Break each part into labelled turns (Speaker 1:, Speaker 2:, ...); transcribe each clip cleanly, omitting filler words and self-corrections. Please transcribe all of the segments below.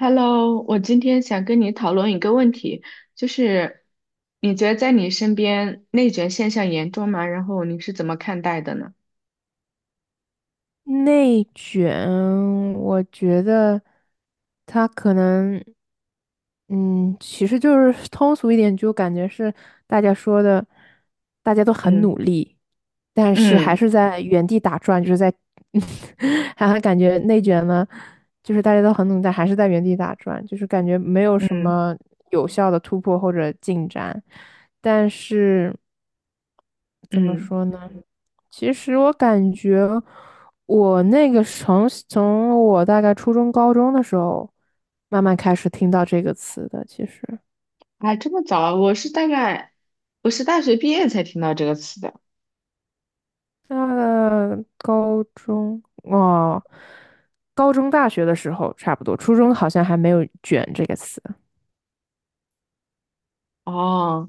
Speaker 1: Hello，我今天想跟你讨论一个问题，就是你觉得在你身边内卷现象严重吗？然后你是怎么看待的呢？
Speaker 2: 内卷，我觉得他可能，嗯，其实就是 通俗一点，就感觉是大家说的，大家都很
Speaker 1: 嗯
Speaker 2: 努力，但是还
Speaker 1: 嗯
Speaker 2: 是在原地打转，就是在，还感觉内卷呢，就是大家都很努力，但还是在原地打转，就是感觉没有什
Speaker 1: 嗯
Speaker 2: 么有效的突破或者进展，但是。怎么
Speaker 1: 嗯。
Speaker 2: 说呢？其实我感觉，我那个从我大概初中、高中的时候，慢慢开始听到这个词的。其实，
Speaker 1: 啊，这么早啊？我是大学毕业才听到这个词的。
Speaker 2: 那个高中哦，高中、大学的时候差不多，初中好像还没有"卷"这个词。
Speaker 1: 哦，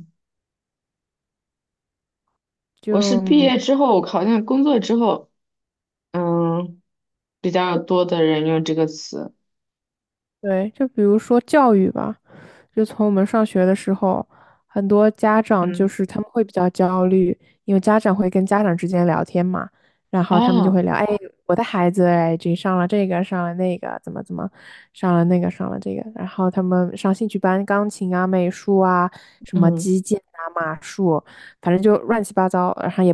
Speaker 2: 就
Speaker 1: 我是毕业之后，好像工作之后，嗯，比较多的人用这个词。
Speaker 2: 对，就比如说教育吧，就从我们上学的时候，很多家长就
Speaker 1: 嗯，
Speaker 2: 是他们会比较焦虑，因为家长会跟家长之间聊天嘛，然后他们就
Speaker 1: 哦，
Speaker 2: 会聊，哎，我的孩子，哎，这上了这个，上了那个，怎么怎么，上了那个，上了这个，然后他们上兴趣班，钢琴啊、美术啊、什么
Speaker 1: 嗯
Speaker 2: 击剑啊、马术，反正就乱七八糟，然后也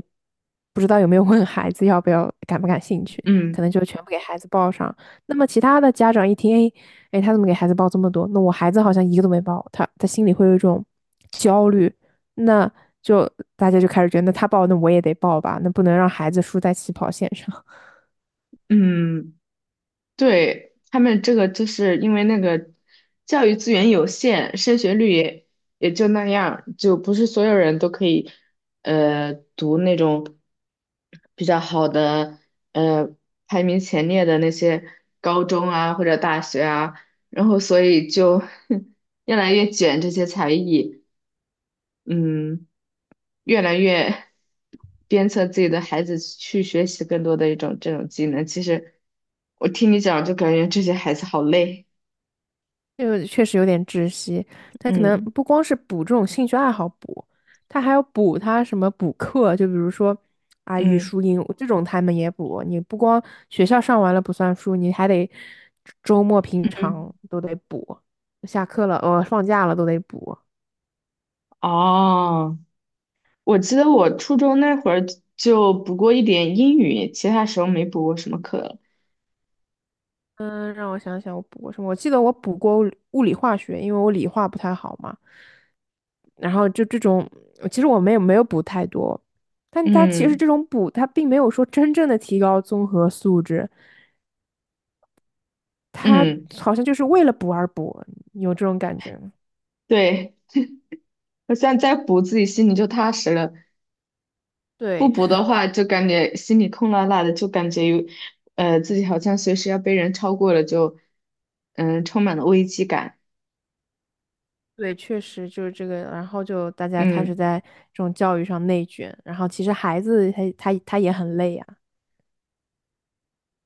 Speaker 2: 不知道有没有问孩子要不要感不感兴趣，可
Speaker 1: 嗯
Speaker 2: 能就全部给孩子报上。那么其他的家长一听，哎，哎，他怎么给孩子报这么多？那我孩子好像一个都没报，他心里会有一种焦虑，那就大家就开始觉得，那他报，那我也得报吧，那不能让孩子输在起跑线上，
Speaker 1: 嗯。对，他们这个就是因为那个教育资源有限，升学率也就那样，就不是所有人都可以读那种比较好的呃排名前列的那些高中啊或者大学啊，然后所以就 越来越卷这些才艺。嗯。越来越鞭策自己的孩子去学习更多的一种这种技能。其实我听你讲，就感觉这些孩子好累。
Speaker 2: 这个确实有点窒息。他可能
Speaker 1: 嗯
Speaker 2: 不光是补这种兴趣爱好补，他还要补他什么补课，就比如说啊语
Speaker 1: 嗯
Speaker 2: 数英这种他们也补，你不光学校上完了不算数，你还得周末平
Speaker 1: 嗯。
Speaker 2: 常都得补，下课了放假了都得补。
Speaker 1: 哦。我记得我初中那会儿就补过一点英语，其他时候没补过什么课了。
Speaker 2: 嗯，让我想想，我补过什么？我记得我补过物理化学，因为我理化不太好嘛。然后就这种，其实我没有补太多，但它其实
Speaker 1: 嗯
Speaker 2: 这种补，它并没有说真正的提高综合素质，它
Speaker 1: 嗯。
Speaker 2: 好像就是为了补而补，你有这种感觉吗？
Speaker 1: 对，我现在再补，自己心里就踏实了。不
Speaker 2: 对，
Speaker 1: 补的 话，就感觉心里空落落的，就感觉有，自己好像随时要被人超过了，就，充满了危机感。
Speaker 2: 对，确实就是这个，然后就大家开始
Speaker 1: 嗯
Speaker 2: 在这种教育上内卷，然后其实孩子他也很累呀、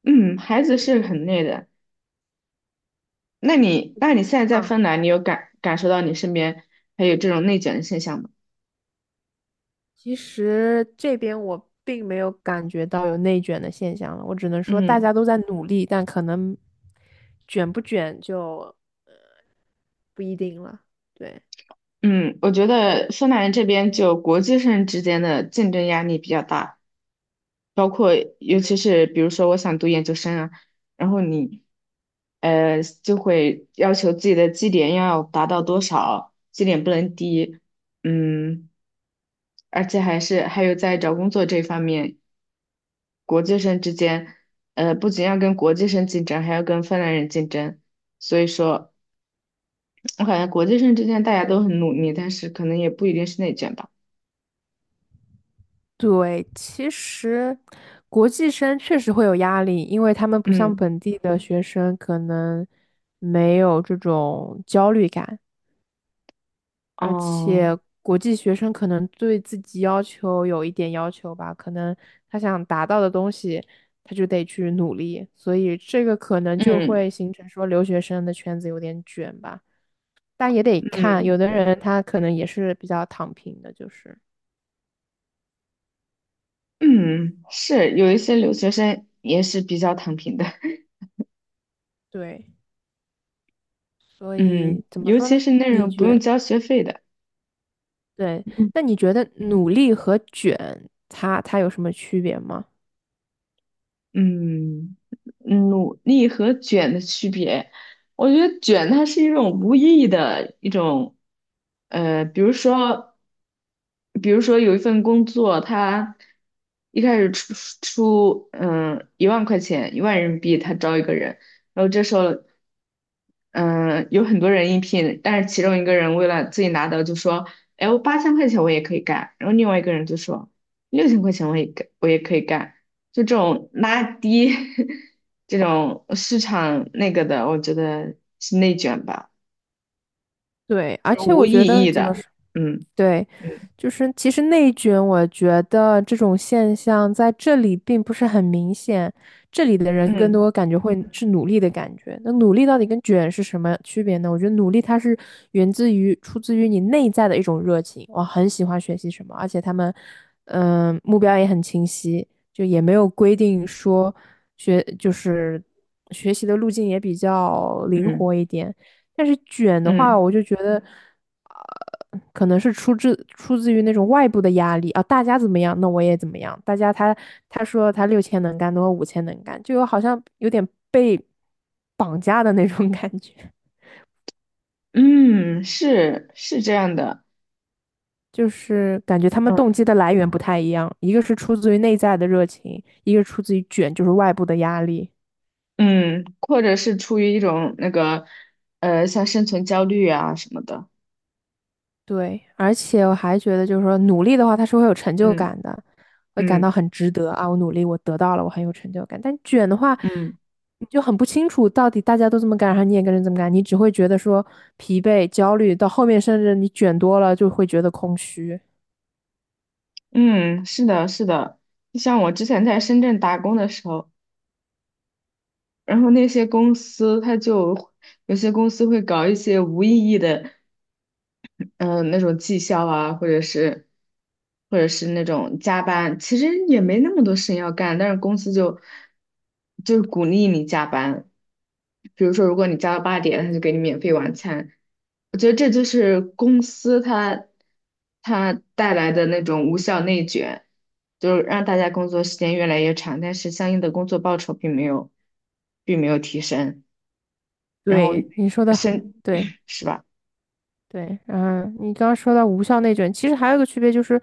Speaker 1: 嗯。孩子是很累的。那你现在在芬兰，你有受到你身边还有这种内卷的现象吗？
Speaker 2: 其实这边我并没有感觉到有内卷的现象了，我只能说大
Speaker 1: 嗯
Speaker 2: 家都在努力，但可能卷不卷就呃不一定了。对。
Speaker 1: 嗯。我觉得芬兰这边就国际上之间的竞争压力比较大。包括尤其是比如说我想读研究生啊，然后你就会要求自己的绩点要达到多少，绩点不能低，嗯，而且还有在找工作这方面，国际生之间，不仅要跟国际生竞争，还要跟芬兰人竞争，所以说我感觉国际生之间大家都很努力，但是可能也不一定是内卷吧。
Speaker 2: 对，其实国际生确实会有压力，因为他们不像
Speaker 1: 嗯，
Speaker 2: 本地的学生，可能没有这种焦虑感。而
Speaker 1: 哦，
Speaker 2: 且国际学生可能对自己要求有一点要求吧，可能他想达到的东西，他就得去努力，所以这个可能就
Speaker 1: 嗯
Speaker 2: 会形成说留学生的圈子有点卷吧，但也得看，
Speaker 1: 嗯。
Speaker 2: 有的人他可能也是比较躺平的，就是
Speaker 1: 嗯，是有一些留学生也是比较躺平的，
Speaker 2: 对，所
Speaker 1: 嗯，
Speaker 2: 以怎么
Speaker 1: 尤
Speaker 2: 说
Speaker 1: 其
Speaker 2: 呢？
Speaker 1: 是那
Speaker 2: 你
Speaker 1: 种不用
Speaker 2: 觉
Speaker 1: 交学费的。
Speaker 2: 对，那你觉得努力和卷，它有什么区别吗？
Speaker 1: 嗯，努力和卷的区别，我觉得卷它是一种无意义的一种，呃，比如说，比如说有一份工作，他一开始出1万块钱，1万人民币，他招一个人，然后这时候，有很多人应聘，但是其中一个人为了自己拿到就说，哎，我8000块钱我也可以干，然后另外一个人就说6000块钱我也可以干。就这种拉低 这种市场那个的，我觉得是内卷吧，
Speaker 2: 对，
Speaker 1: 就
Speaker 2: 而
Speaker 1: 是
Speaker 2: 且
Speaker 1: 无
Speaker 2: 我觉
Speaker 1: 意
Speaker 2: 得
Speaker 1: 义
Speaker 2: 怎么
Speaker 1: 的。
Speaker 2: 说？
Speaker 1: 嗯
Speaker 2: 对，
Speaker 1: 嗯
Speaker 2: 就是其实内卷，我觉得这种现象在这里并不是很明显，这里的人更
Speaker 1: 嗯
Speaker 2: 多感觉会是努力的感觉。那努力到底跟卷是什么区别呢？我觉得努力它是源自于出自于你内在的一种热情，我很喜欢学习什么，而且他们，目标也很清晰，就也没有规定说学就是学习的路径也比较灵
Speaker 1: 嗯
Speaker 2: 活一点。但是卷的话，
Speaker 1: 嗯
Speaker 2: 我就觉得，可能是出自于那种外部的压力啊，大家怎么样，那我也怎么样。大家他说他六千能干，那我五千能干，就有好像有点被绑架的那种 感觉，
Speaker 1: 嗯。是是这样的。
Speaker 2: 就是感觉他们
Speaker 1: 嗯
Speaker 2: 动机的来源不太一样，一个是出自于内在的热情，一个出自于卷，就是外部的压力。
Speaker 1: 嗯，或者是出于一种那个像生存焦虑啊什么的。
Speaker 2: 对，而且我还觉得，就是说努力的话，它是会有成就
Speaker 1: 嗯
Speaker 2: 感的，会感到
Speaker 1: 嗯
Speaker 2: 很值得啊！我努力，我得到了，我很有成就感。但卷的话，
Speaker 1: 嗯
Speaker 2: 你就很不清楚到底大家都这么干，然后你也跟着这么干，你只会觉得说疲惫、焦虑，到后面甚至你卷多了就会觉得空虚。
Speaker 1: 嗯，是的，是的。像我之前在深圳打工的时候，然后那些公司它就有些公司会搞一些无意义的。那种绩效啊，或者是那种加班，其实也没那么多事情要干，但是公司就是鼓励你加班。比如说，如果你加到8点，他就给你免费晚餐。我觉得这就是公司它带来的那种无效内卷，就是让大家工作时间越来越长，但是相应的工作报酬并没有提升，然后
Speaker 2: 对，你说的
Speaker 1: 升
Speaker 2: 对。
Speaker 1: 是吧？
Speaker 2: 对，嗯，你刚刚说到无效内卷，其实还有一个区别就是，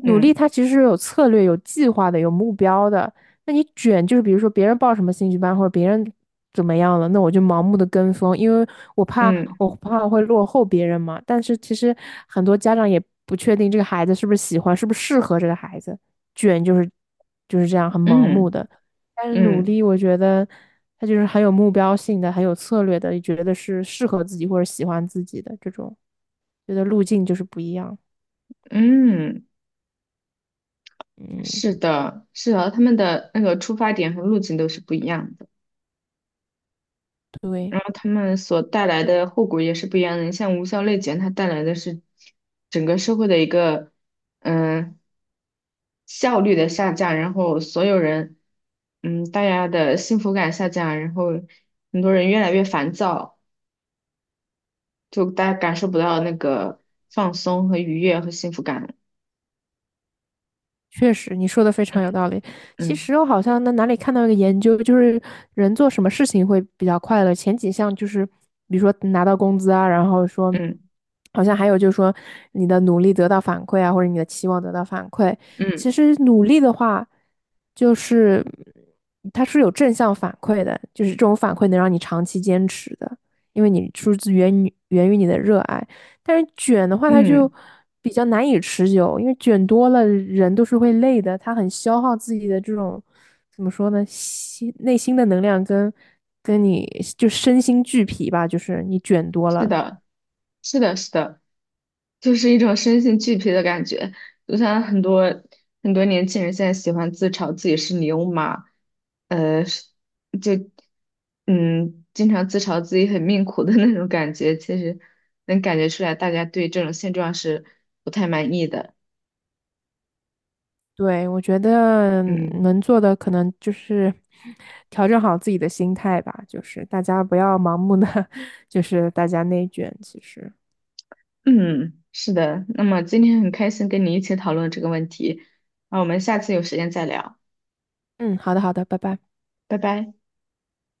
Speaker 2: 努
Speaker 1: 嗯
Speaker 2: 力它其实是有策略、有计划的、有目标的。那你卷就是，比如说别人报什么兴趣班或者别人怎么样了，那我就盲目的跟风，因为我怕
Speaker 1: 嗯
Speaker 2: 我怕我会落后别人嘛。但是其实很多家长也不确定这个孩子是不是喜欢，是不是适合这个孩子，卷就是这样很盲目
Speaker 1: 嗯。
Speaker 2: 的。但是努
Speaker 1: 嗯
Speaker 2: 力，我觉得它就是很有目标性的，很有策略的，也觉得是适合自己或者喜欢自己的这种，觉得路径就是不一样。
Speaker 1: 嗯，
Speaker 2: 嗯，
Speaker 1: 是的，是的，他们的那个出发点和路径都是不一样的，
Speaker 2: 对。
Speaker 1: 然后他们所带来的后果也是不一样的。你像无效内卷，它带来的是整个社会的一个嗯效率的下降，然后所有人嗯大家的幸福感下降，然后很多人越来越烦躁，就大家感受不到那个放松和愉悦和幸福感了。
Speaker 2: 确实，你说的非常有道理。其
Speaker 1: 嗯
Speaker 2: 实我好像在哪里看到一个研究，就是人做什么事情会比较快乐，前几项就是，比如说拿到工资啊，然后说，
Speaker 1: 嗯
Speaker 2: 好像还有就是说你的努力得到反馈啊，或者你的期望得到反馈。
Speaker 1: 嗯
Speaker 2: 其实努力的话，就是它是有正向反馈的，就是这种反馈能让你长期坚持的，因为你源于你的热爱。但是卷的话，它就
Speaker 1: 嗯。
Speaker 2: 比较难以持久，因为卷多了人都是会累的，它很消耗自己的这种怎么说呢，内心的能量跟你就身心俱疲吧，就是你卷多
Speaker 1: 是
Speaker 2: 了。
Speaker 1: 的。是的，是的，就是一种身心俱疲的感觉。就像很多很多年轻人现在喜欢自嘲自己是牛马，呃，是就嗯，经常自嘲自己很命苦的那种感觉，其实能感觉出来，大家对这种现状是不太满意的。
Speaker 2: 对，我觉得
Speaker 1: 嗯
Speaker 2: 能做的可能就是 调整好自己的心态吧，就是大家不要盲目的，就是大家内卷。其实，
Speaker 1: 嗯。是的。那么今天很开心跟你一起讨论这个问题，那我们下次有时间再聊，
Speaker 2: 嗯，好的，好的，拜拜。
Speaker 1: 拜拜。